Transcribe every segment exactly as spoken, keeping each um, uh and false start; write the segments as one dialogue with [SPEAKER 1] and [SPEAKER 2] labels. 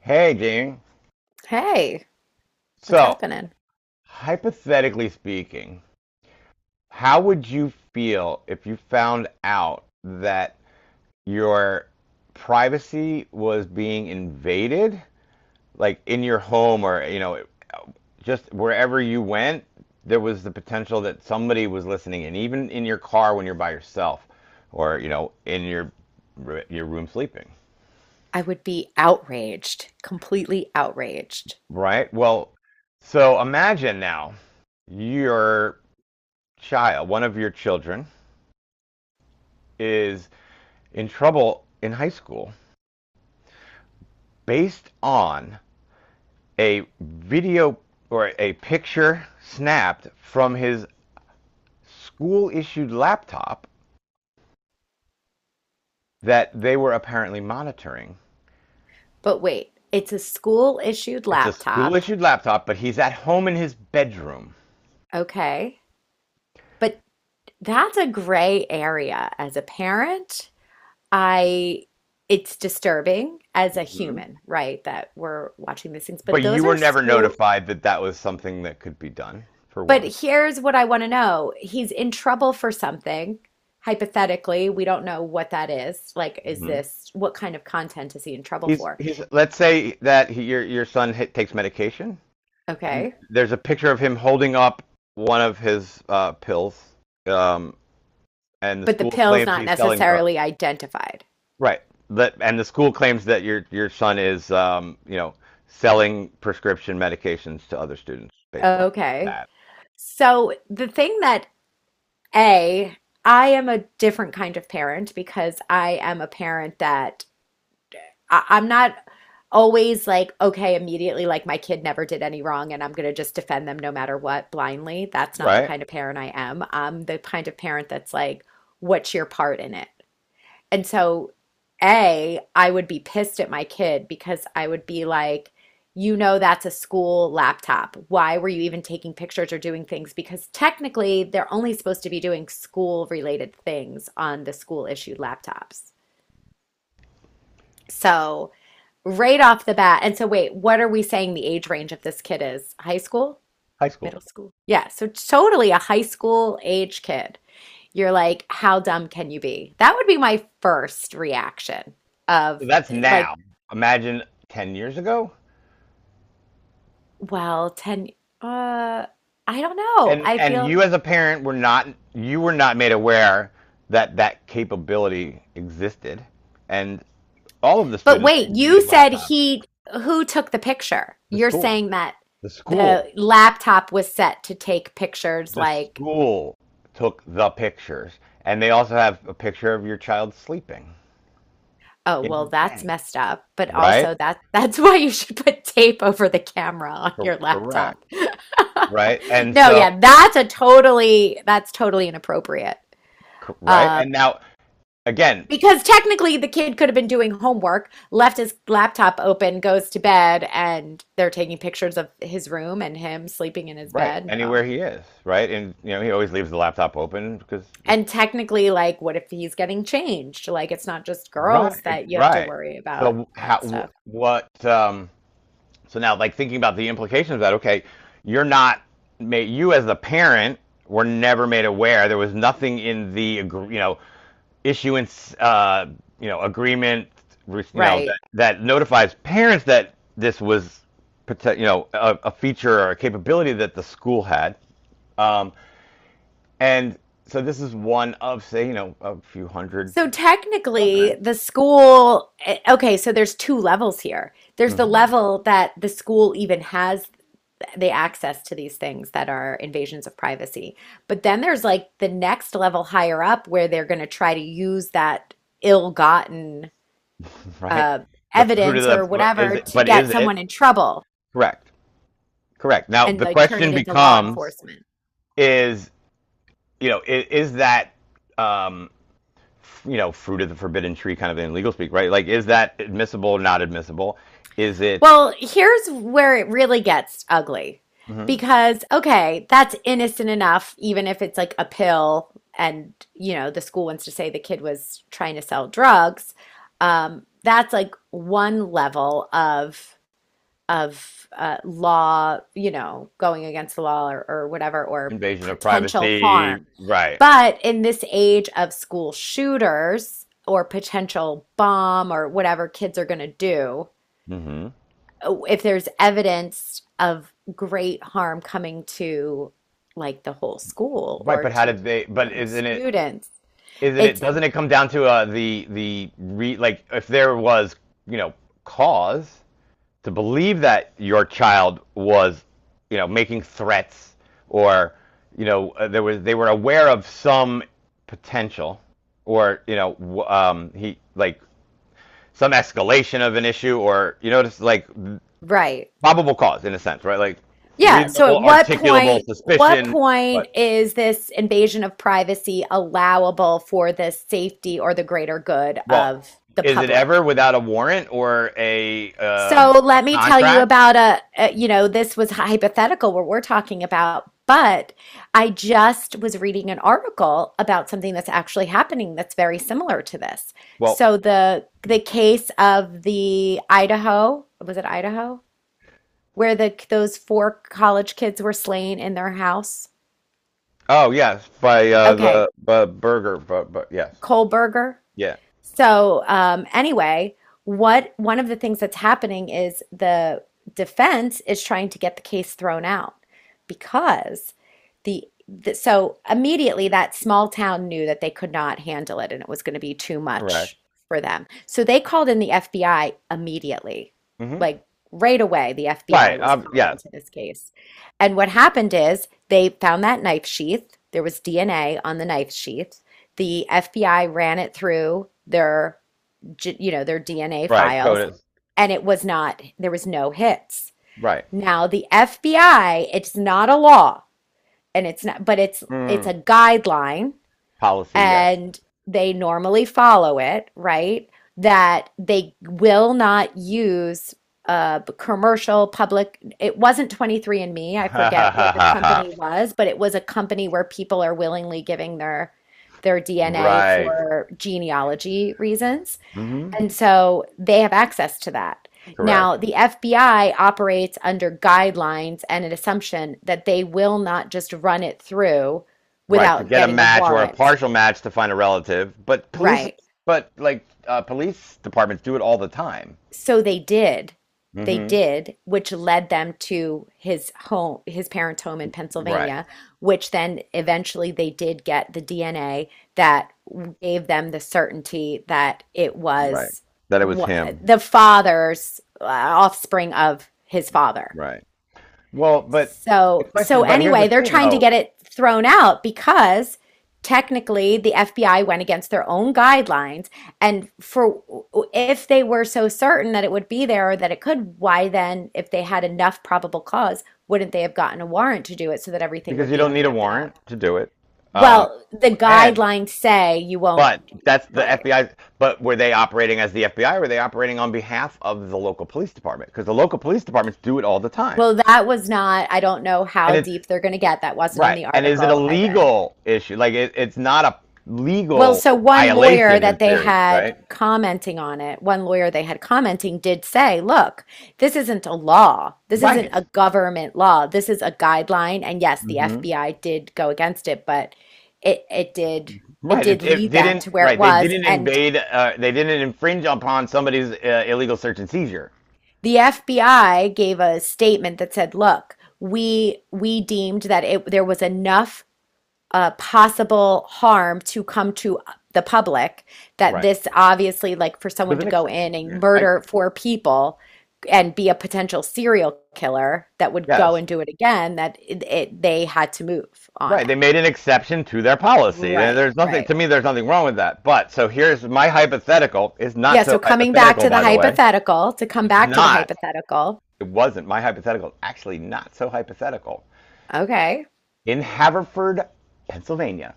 [SPEAKER 1] Hey, Dean.
[SPEAKER 2] Hey, what's
[SPEAKER 1] So,
[SPEAKER 2] happening?
[SPEAKER 1] Hypothetically speaking, how would you feel if you found out that your privacy was being invaded, like in your home or, you know, just wherever you went, there was the potential that somebody was listening, and even in your car when you're by yourself or, you know, in your your room sleeping,
[SPEAKER 2] I would be outraged, completely outraged.
[SPEAKER 1] right? Well, so imagine now your child, one of your children, is in trouble in high school based on a video or a picture snapped from his school issued laptop that they were apparently monitoring.
[SPEAKER 2] But wait, it's a school issued
[SPEAKER 1] It's a school
[SPEAKER 2] laptop.
[SPEAKER 1] issued laptop, but he's at home in his bedroom.
[SPEAKER 2] Okay. But that's a gray area as a parent. I It's disturbing as a
[SPEAKER 1] Mm-hmm.
[SPEAKER 2] human, right, that we're watching these things.
[SPEAKER 1] But
[SPEAKER 2] But
[SPEAKER 1] you
[SPEAKER 2] those
[SPEAKER 1] were
[SPEAKER 2] are
[SPEAKER 1] never
[SPEAKER 2] school.
[SPEAKER 1] notified that that was something that could be done, for
[SPEAKER 2] But
[SPEAKER 1] one.
[SPEAKER 2] here's what I want to know. He's in trouble for something. Hypothetically, we don't know what that is. Like, is
[SPEAKER 1] Mm-hmm.
[SPEAKER 2] this what kind of content is he in trouble
[SPEAKER 1] He's
[SPEAKER 2] for?
[SPEAKER 1] he's Let's say that he, your your son hit, takes medication. And
[SPEAKER 2] Okay.
[SPEAKER 1] there's a picture of him holding up one of his uh, pills, um, and the
[SPEAKER 2] But the
[SPEAKER 1] school
[SPEAKER 2] pill's
[SPEAKER 1] claims
[SPEAKER 2] not
[SPEAKER 1] he's selling drugs.
[SPEAKER 2] necessarily identified.
[SPEAKER 1] Right. That and the school claims that your your son is, um, you know, selling prescription medications to other students based on
[SPEAKER 2] Okay.
[SPEAKER 1] that.
[SPEAKER 2] So the thing that A, I am a different kind of parent because I am a parent that I, I'm not always like, okay, immediately, like my kid never did any wrong and I'm going to just defend them no matter what blindly. That's not the
[SPEAKER 1] Right.
[SPEAKER 2] kind of parent I am. I'm the kind of parent that's like, what's your part in it? And so, A, I would be pissed at my kid because I would be like, you know, that's a school laptop. Why were you even taking pictures or doing things? Because technically, they're only supposed to be doing school related things on the school issued laptops. So, right off the bat, and so wait, what are we saying the age range of this kid is? High school?
[SPEAKER 1] High school.
[SPEAKER 2] Middle school? Yeah, so totally a high school age kid. You're like, how dumb can you be? That would be my first reaction of
[SPEAKER 1] So that's
[SPEAKER 2] like,
[SPEAKER 1] now. Imagine ten years ago.
[SPEAKER 2] well, ten, uh, I don't know.
[SPEAKER 1] And
[SPEAKER 2] I
[SPEAKER 1] and
[SPEAKER 2] feel,
[SPEAKER 1] you as a parent were not you were not made aware that that capability existed, and all of the
[SPEAKER 2] but
[SPEAKER 1] students are
[SPEAKER 2] wait,
[SPEAKER 1] using these
[SPEAKER 2] you said
[SPEAKER 1] laptops.
[SPEAKER 2] he, who took the picture?
[SPEAKER 1] The
[SPEAKER 2] You're
[SPEAKER 1] school.
[SPEAKER 2] saying that
[SPEAKER 1] The school,
[SPEAKER 2] the laptop was set to take pictures
[SPEAKER 1] the
[SPEAKER 2] like,
[SPEAKER 1] school took the pictures, and they also have a picture of your child sleeping
[SPEAKER 2] oh,
[SPEAKER 1] in
[SPEAKER 2] well,
[SPEAKER 1] his
[SPEAKER 2] that's
[SPEAKER 1] bed,
[SPEAKER 2] messed up, but
[SPEAKER 1] right?
[SPEAKER 2] also that that's why you should put tape over the camera on
[SPEAKER 1] Cor-
[SPEAKER 2] your
[SPEAKER 1] correct,
[SPEAKER 2] laptop.
[SPEAKER 1] right? And
[SPEAKER 2] No,
[SPEAKER 1] so,
[SPEAKER 2] yeah, that's a totally, that's totally inappropriate.
[SPEAKER 1] co- right,
[SPEAKER 2] Um,
[SPEAKER 1] and now again,
[SPEAKER 2] because technically the kid could have been doing homework, left his laptop open, goes to bed, and they're taking pictures of his room and him sleeping in his
[SPEAKER 1] right,
[SPEAKER 2] bed. No.
[SPEAKER 1] anywhere he is, right, and you know he always leaves the laptop open because it's
[SPEAKER 2] And technically, like, what if he's getting changed? Like, it's not just girls
[SPEAKER 1] right,
[SPEAKER 2] that you have to
[SPEAKER 1] right.
[SPEAKER 2] worry about
[SPEAKER 1] So how,
[SPEAKER 2] that stuff.
[SPEAKER 1] wh- what, um. So now, like thinking about the implications of that, okay, you're not made. You as the parent were never made aware. There was nothing in the, you know, issuance, uh, you know, agreement, you know, that,
[SPEAKER 2] Right.
[SPEAKER 1] that notifies parents that this was pote- you know, a, a feature or a capability that the school had. Um, and so this is one of, say, you know, a few hundred.
[SPEAKER 2] So technically, the school, eh, okay, so there's two levels here. There's the
[SPEAKER 1] Mhm.
[SPEAKER 2] level that the school even has the access to these things that are invasions of privacy. But then there's like the next level higher up where they're going to try to use that ill-gotten
[SPEAKER 1] Right?
[SPEAKER 2] uh,
[SPEAKER 1] The fruit of
[SPEAKER 2] evidence or
[SPEAKER 1] the, is
[SPEAKER 2] whatever
[SPEAKER 1] it,
[SPEAKER 2] to
[SPEAKER 1] but is
[SPEAKER 2] get
[SPEAKER 1] it
[SPEAKER 2] someone in trouble
[SPEAKER 1] correct? Correct. Now
[SPEAKER 2] and
[SPEAKER 1] the
[SPEAKER 2] like turn it
[SPEAKER 1] question
[SPEAKER 2] into law
[SPEAKER 1] becomes,
[SPEAKER 2] enforcement.
[SPEAKER 1] is, you know, is, is that, um, you know, fruit of the forbidden tree kind of in legal speak, right? Like, is that admissible or not admissible? Is it
[SPEAKER 2] Well, here's where it really gets ugly
[SPEAKER 1] Mhm.
[SPEAKER 2] because, okay, that's innocent enough, even if it's like a pill and, you know, the school wants to say the kid was trying to sell drugs. Um, that's like one level of of uh, law, you know, going against the law or, or whatever, or
[SPEAKER 1] invasion of
[SPEAKER 2] potential
[SPEAKER 1] privacy?
[SPEAKER 2] harm.
[SPEAKER 1] Right.
[SPEAKER 2] But in this age of school shooters or potential bomb or whatever kids are going to do,
[SPEAKER 1] Hmm.
[SPEAKER 2] if there's evidence of great harm coming to like the whole school
[SPEAKER 1] Right,
[SPEAKER 2] or
[SPEAKER 1] but how
[SPEAKER 2] to
[SPEAKER 1] did they? But
[SPEAKER 2] certain
[SPEAKER 1] isn't it?
[SPEAKER 2] students.
[SPEAKER 1] Isn't it?
[SPEAKER 2] It's
[SPEAKER 1] Doesn't it come down to, uh, the the re like if there was, you know, cause to believe that your child was, you know, making threats or, you know, uh, there was they were aware of some potential or, you know, um, he like some escalation of an issue or, you know, just like
[SPEAKER 2] Right.
[SPEAKER 1] probable cause in a sense, right? Like
[SPEAKER 2] Yeah. So
[SPEAKER 1] reasonable,
[SPEAKER 2] at what
[SPEAKER 1] articulable
[SPEAKER 2] point, what
[SPEAKER 1] suspicion, but
[SPEAKER 2] point is this invasion of privacy allowable for the safety or the greater good
[SPEAKER 1] well,
[SPEAKER 2] of the
[SPEAKER 1] is it
[SPEAKER 2] public?
[SPEAKER 1] ever without a warrant or a,
[SPEAKER 2] So
[SPEAKER 1] um, a
[SPEAKER 2] let me tell you
[SPEAKER 1] contract?
[SPEAKER 2] about a, a, you know, this was hypothetical what we're talking about, but I just was reading an article about something that's actually happening that's very similar to this.
[SPEAKER 1] Well,
[SPEAKER 2] So the the case of the Idaho, was it Idaho? Where the those four college kids were slain in their house.
[SPEAKER 1] oh yes, by, uh,
[SPEAKER 2] Okay,
[SPEAKER 1] the, uh, Burger, but, but yes,
[SPEAKER 2] Kohlberger.
[SPEAKER 1] yeah,
[SPEAKER 2] So um, anyway, what one of the things that's happening is the defense is trying to get the case thrown out because the, the so immediately that small town knew that they could not handle it and it was going to be too
[SPEAKER 1] correct.
[SPEAKER 2] much for them. So they called in the F B I immediately.
[SPEAKER 1] Hmm.
[SPEAKER 2] Like right away, the
[SPEAKER 1] Right.
[SPEAKER 2] F B I was
[SPEAKER 1] Um,
[SPEAKER 2] called
[SPEAKER 1] yes.
[SPEAKER 2] into this case. And what happened is they found that knife sheath. There was D N A on the knife sheath. The F B I ran it through their, you know, their D N A
[SPEAKER 1] Right. Code
[SPEAKER 2] files,
[SPEAKER 1] is
[SPEAKER 2] and it was not, there was no hits.
[SPEAKER 1] right.
[SPEAKER 2] Now, the F B I, it's not a law, and it's not, but it's it's
[SPEAKER 1] Mm.
[SPEAKER 2] a guideline
[SPEAKER 1] Policy. Yes.
[SPEAKER 2] and they normally follow it, right? That they will not use uh commercial public it wasn't twenty-three and Me. I
[SPEAKER 1] Ha ha
[SPEAKER 2] forget
[SPEAKER 1] ha
[SPEAKER 2] what the
[SPEAKER 1] ha ha.
[SPEAKER 2] company was, but it was a company where people are willingly giving their their D N A
[SPEAKER 1] Right.
[SPEAKER 2] for genealogy reasons.
[SPEAKER 1] Hmm.
[SPEAKER 2] And so they have access to that.
[SPEAKER 1] Correct.
[SPEAKER 2] Now, the F B I operates under guidelines and an assumption that they will not just run it through
[SPEAKER 1] Right. To
[SPEAKER 2] without
[SPEAKER 1] get a
[SPEAKER 2] getting a
[SPEAKER 1] match or a
[SPEAKER 2] warrant.
[SPEAKER 1] partial match to find a relative, but police,
[SPEAKER 2] Right.
[SPEAKER 1] but like, uh, police departments do it all the time.
[SPEAKER 2] So they did. They
[SPEAKER 1] Hmm.
[SPEAKER 2] did, which led them to his home, his parents' home in
[SPEAKER 1] Right.
[SPEAKER 2] Pennsylvania, which then eventually they did get the D N A that gave them the certainty that it
[SPEAKER 1] Right.
[SPEAKER 2] was
[SPEAKER 1] That it was
[SPEAKER 2] wha-
[SPEAKER 1] him.
[SPEAKER 2] the father's uh, offspring of his father.
[SPEAKER 1] Right. Well, but the
[SPEAKER 2] So, so
[SPEAKER 1] question, but here's the
[SPEAKER 2] anyway, they're
[SPEAKER 1] thing
[SPEAKER 2] trying to
[SPEAKER 1] though,
[SPEAKER 2] get it thrown out because technically the F B I went against their own guidelines. And for if they were so certain that it would be there or that it could, why then, if they had enough probable cause, wouldn't they have gotten a warrant to do it so that everything
[SPEAKER 1] because
[SPEAKER 2] would
[SPEAKER 1] you
[SPEAKER 2] be
[SPEAKER 1] don't
[SPEAKER 2] on
[SPEAKER 1] need
[SPEAKER 2] the
[SPEAKER 1] a
[SPEAKER 2] up and
[SPEAKER 1] warrant
[SPEAKER 2] up?
[SPEAKER 1] to do it. Um,
[SPEAKER 2] Well, the guidelines say you won't,
[SPEAKER 1] But that's the
[SPEAKER 2] right.
[SPEAKER 1] F B I. But were they operating as the F B I? Or were they operating on behalf of the local police department? Because the local police departments do it all the time.
[SPEAKER 2] Well, that was not, I don't know
[SPEAKER 1] And
[SPEAKER 2] how
[SPEAKER 1] it's
[SPEAKER 2] deep they're going to get. That wasn't in
[SPEAKER 1] right.
[SPEAKER 2] the
[SPEAKER 1] And is it a
[SPEAKER 2] article I read.
[SPEAKER 1] legal issue? Like it, it's not a
[SPEAKER 2] Well,
[SPEAKER 1] legal
[SPEAKER 2] so one lawyer
[SPEAKER 1] violation
[SPEAKER 2] that
[SPEAKER 1] in
[SPEAKER 2] they
[SPEAKER 1] theory,
[SPEAKER 2] had
[SPEAKER 1] right?
[SPEAKER 2] commenting on it, one lawyer they had commenting did say, look, this isn't a law. This isn't
[SPEAKER 1] Right.
[SPEAKER 2] a government law. This is a guideline. And yes, the
[SPEAKER 1] Hmm.
[SPEAKER 2] F B I did go against it, but it it did it
[SPEAKER 1] Right. It,
[SPEAKER 2] did
[SPEAKER 1] it
[SPEAKER 2] lead them
[SPEAKER 1] didn't.
[SPEAKER 2] to where it
[SPEAKER 1] Right. They
[SPEAKER 2] was.
[SPEAKER 1] didn't
[SPEAKER 2] And
[SPEAKER 1] invade. Uh, they didn't infringe upon somebody's, uh, illegal search and seizure.
[SPEAKER 2] the F B I gave a statement that said, look, we we deemed that it there was enough uh, possible harm to come to the public that
[SPEAKER 1] Right.
[SPEAKER 2] this obviously like for
[SPEAKER 1] It was
[SPEAKER 2] someone
[SPEAKER 1] an
[SPEAKER 2] to go
[SPEAKER 1] exception.
[SPEAKER 2] in and
[SPEAKER 1] I
[SPEAKER 2] murder four people and be a potential serial killer that would go
[SPEAKER 1] yes.
[SPEAKER 2] and do it again that it, it they had to move on
[SPEAKER 1] Right,
[SPEAKER 2] it
[SPEAKER 1] they made an exception to their policy. And
[SPEAKER 2] right
[SPEAKER 1] there's nothing
[SPEAKER 2] right
[SPEAKER 1] to me. There's nothing wrong with that. But so here's my hypothetical. Is not
[SPEAKER 2] yeah.
[SPEAKER 1] so
[SPEAKER 2] So coming back
[SPEAKER 1] hypothetical,
[SPEAKER 2] to the
[SPEAKER 1] by the way.
[SPEAKER 2] hypothetical to come
[SPEAKER 1] It's
[SPEAKER 2] back to the
[SPEAKER 1] not.
[SPEAKER 2] hypothetical.
[SPEAKER 1] It wasn't. My hypothetical is actually not so hypothetical.
[SPEAKER 2] Okay.
[SPEAKER 1] In Haverford, Pennsylvania,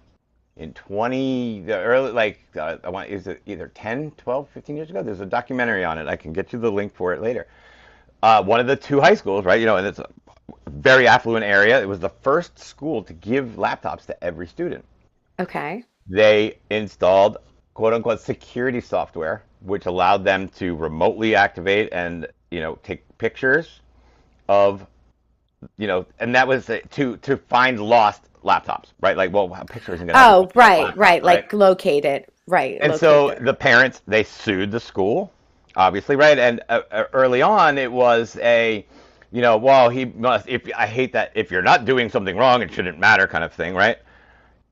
[SPEAKER 1] in twenty the early like, uh, I want is it either ten, twelve, fifteen years ago? There's a documentary on it. I can get you the link for it later. Uh, one of the two high schools, right? You know, and it's a very affluent area. It was the first school to give laptops to every student.
[SPEAKER 2] Okay,
[SPEAKER 1] They installed quote unquote security software, which allowed them to remotely activate and, you know, take pictures of, you know, and that was, uh, to to find lost laptops, right? Like, well, a picture isn't going to help you find
[SPEAKER 2] oh
[SPEAKER 1] a lost
[SPEAKER 2] right
[SPEAKER 1] laptop,
[SPEAKER 2] right
[SPEAKER 1] right?
[SPEAKER 2] like locate it right
[SPEAKER 1] And
[SPEAKER 2] locate
[SPEAKER 1] so
[SPEAKER 2] there.
[SPEAKER 1] the parents they sued the school, obviously, right? And uh, uh, early on, it was a, you know, well, he must. If I hate that, if you're not doing something wrong, it shouldn't matter, kind of thing, right?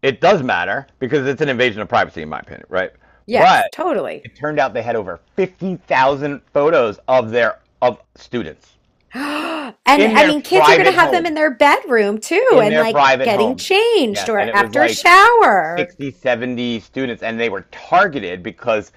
[SPEAKER 1] It does matter because it's an invasion of privacy, in my opinion, right?
[SPEAKER 2] Yes,
[SPEAKER 1] But
[SPEAKER 2] totally.
[SPEAKER 1] it turned out they had over fifty thousand photos of their of students
[SPEAKER 2] And
[SPEAKER 1] in
[SPEAKER 2] I
[SPEAKER 1] their
[SPEAKER 2] mean, kids are going to
[SPEAKER 1] private
[SPEAKER 2] have them in
[SPEAKER 1] homes,
[SPEAKER 2] their bedroom too,
[SPEAKER 1] in
[SPEAKER 2] and
[SPEAKER 1] their
[SPEAKER 2] like
[SPEAKER 1] private
[SPEAKER 2] getting
[SPEAKER 1] homes. Yeah,
[SPEAKER 2] changed
[SPEAKER 1] and
[SPEAKER 2] or
[SPEAKER 1] it was
[SPEAKER 2] after a
[SPEAKER 1] like
[SPEAKER 2] shower.
[SPEAKER 1] sixty, seventy students and they were targeted because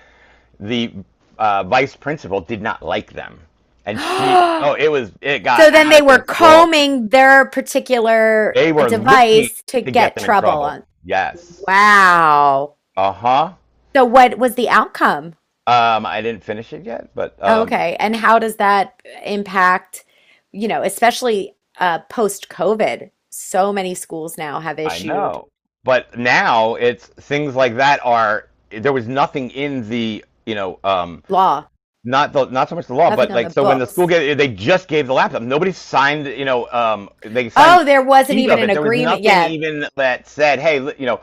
[SPEAKER 1] the, uh, vice principal did not like them. And
[SPEAKER 2] So
[SPEAKER 1] she oh, it was it got
[SPEAKER 2] then
[SPEAKER 1] out
[SPEAKER 2] they
[SPEAKER 1] of
[SPEAKER 2] were
[SPEAKER 1] control.
[SPEAKER 2] combing their particular
[SPEAKER 1] They
[SPEAKER 2] uh,
[SPEAKER 1] were looking
[SPEAKER 2] device to
[SPEAKER 1] to get
[SPEAKER 2] get
[SPEAKER 1] them in
[SPEAKER 2] trouble
[SPEAKER 1] trouble.
[SPEAKER 2] on.
[SPEAKER 1] Yes.
[SPEAKER 2] Wow.
[SPEAKER 1] Uh-huh.
[SPEAKER 2] So what was the outcome?
[SPEAKER 1] Um, I didn't finish it yet, but um
[SPEAKER 2] Okay. And how does that impact, you know, especially uh, post COVID? So many schools now have
[SPEAKER 1] I
[SPEAKER 2] issued
[SPEAKER 1] know. But now it's things like that are there was nothing in the, you know, um,
[SPEAKER 2] law,
[SPEAKER 1] not the not so much the law
[SPEAKER 2] nothing
[SPEAKER 1] but
[SPEAKER 2] on the
[SPEAKER 1] like so when the school
[SPEAKER 2] books.
[SPEAKER 1] gave they just gave the laptop nobody signed, you know, um, they signed the
[SPEAKER 2] Oh, there wasn't
[SPEAKER 1] receipt
[SPEAKER 2] even
[SPEAKER 1] of
[SPEAKER 2] an
[SPEAKER 1] it there was
[SPEAKER 2] agreement.
[SPEAKER 1] nothing
[SPEAKER 2] Yeah,
[SPEAKER 1] even that said hey li- you know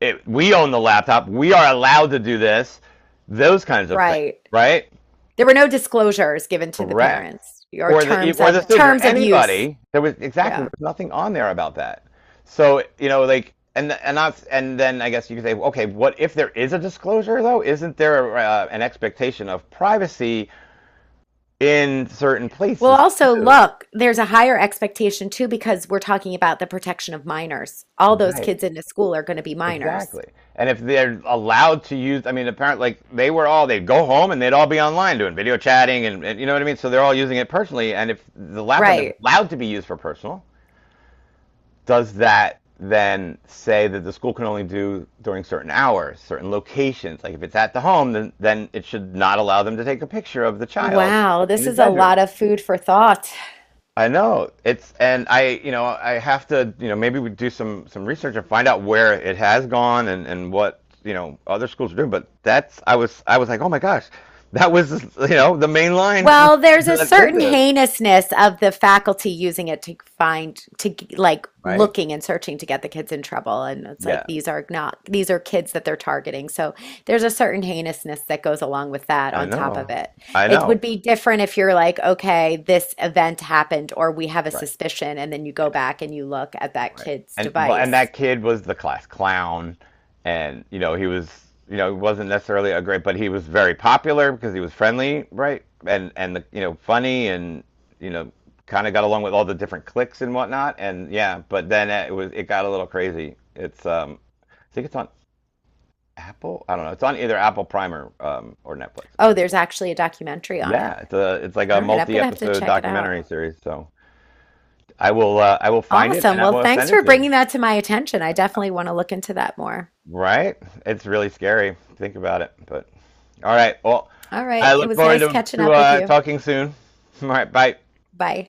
[SPEAKER 1] it, we own the laptop we are allowed to do this those kinds of things
[SPEAKER 2] right.
[SPEAKER 1] right.
[SPEAKER 2] There were no disclosures given to the
[SPEAKER 1] Correct.
[SPEAKER 2] parents or
[SPEAKER 1] Or the e,
[SPEAKER 2] terms
[SPEAKER 1] or the
[SPEAKER 2] of
[SPEAKER 1] students or
[SPEAKER 2] terms of use.
[SPEAKER 1] anybody. There was exactly there
[SPEAKER 2] Yeah.
[SPEAKER 1] was nothing on there about that. So you know, like, and and that's and then I guess you could say, okay, what if there is a disclosure though? Isn't there, uh, an expectation of privacy in certain
[SPEAKER 2] Well,
[SPEAKER 1] places?
[SPEAKER 2] also look, there's a higher expectation too because we're talking about the protection of minors. All those
[SPEAKER 1] Right.
[SPEAKER 2] kids in the school are going to be minors.
[SPEAKER 1] Exactly. And if they're allowed to use, I mean, apparently, like they were all, they'd go home and they'd all be online doing video chatting and, and, you know what I mean? So they're all using it personally. And if the laptop is
[SPEAKER 2] Right.
[SPEAKER 1] allowed to be used for personal, does that then say that the school can only do during certain hours, certain locations? Like if it's at the home, then, then it should not allow them to take a picture of the child
[SPEAKER 2] Wow,
[SPEAKER 1] in
[SPEAKER 2] this
[SPEAKER 1] his
[SPEAKER 2] is a
[SPEAKER 1] bedroom.
[SPEAKER 2] lot of food for thought.
[SPEAKER 1] I know it's, and I, you know, I have to, you know, maybe we do some some research and find out where it has gone and and what you know other schools are doing. But that's, I was, I was like, oh my gosh, that was, you know, the main line from,
[SPEAKER 2] Well, there's a
[SPEAKER 1] that did
[SPEAKER 2] certain
[SPEAKER 1] this,
[SPEAKER 2] heinousness of the faculty using it to find, to like
[SPEAKER 1] right?
[SPEAKER 2] looking and searching to get the kids in trouble. And it's like
[SPEAKER 1] Yeah,
[SPEAKER 2] these are not, these are kids that they're targeting. So there's a certain heinousness that goes along with that
[SPEAKER 1] I
[SPEAKER 2] on top
[SPEAKER 1] know,
[SPEAKER 2] of it.
[SPEAKER 1] I
[SPEAKER 2] It would
[SPEAKER 1] know,
[SPEAKER 2] be different if you're like, okay, this event happened or we have a
[SPEAKER 1] right? Yeah.
[SPEAKER 2] suspicion. And then you go back and you look at that
[SPEAKER 1] Right.
[SPEAKER 2] kid's
[SPEAKER 1] And well, and
[SPEAKER 2] device.
[SPEAKER 1] that kid was the class clown, and you know he was, you know, he wasn't necessarily a great, but he was very popular because he was friendly, right? And and the you know funny and you know kind of got along with all the different cliques and whatnot. And yeah, but then it was it got a little crazy. It's um, I think it's on Apple. I don't know. It's on either Apple Prime or um or Netflix. I
[SPEAKER 2] Oh,
[SPEAKER 1] think.
[SPEAKER 2] there's actually a documentary on it.
[SPEAKER 1] Yeah, it's a it's like a
[SPEAKER 2] All right, I'm gonna have to
[SPEAKER 1] multi-episode
[SPEAKER 2] check it out.
[SPEAKER 1] documentary series. So I will, uh, I will find it and
[SPEAKER 2] Awesome.
[SPEAKER 1] I
[SPEAKER 2] Well,
[SPEAKER 1] will
[SPEAKER 2] thanks
[SPEAKER 1] send it
[SPEAKER 2] for
[SPEAKER 1] to you.
[SPEAKER 2] bringing that to my attention. I definitely want to look into that more.
[SPEAKER 1] Right? It's really scary. Think about it. But all right. Well,
[SPEAKER 2] All
[SPEAKER 1] I
[SPEAKER 2] right. It
[SPEAKER 1] look
[SPEAKER 2] was
[SPEAKER 1] forward
[SPEAKER 2] nice
[SPEAKER 1] to
[SPEAKER 2] catching
[SPEAKER 1] to
[SPEAKER 2] up with
[SPEAKER 1] uh,
[SPEAKER 2] you.
[SPEAKER 1] talking soon. All right. Bye.
[SPEAKER 2] Bye.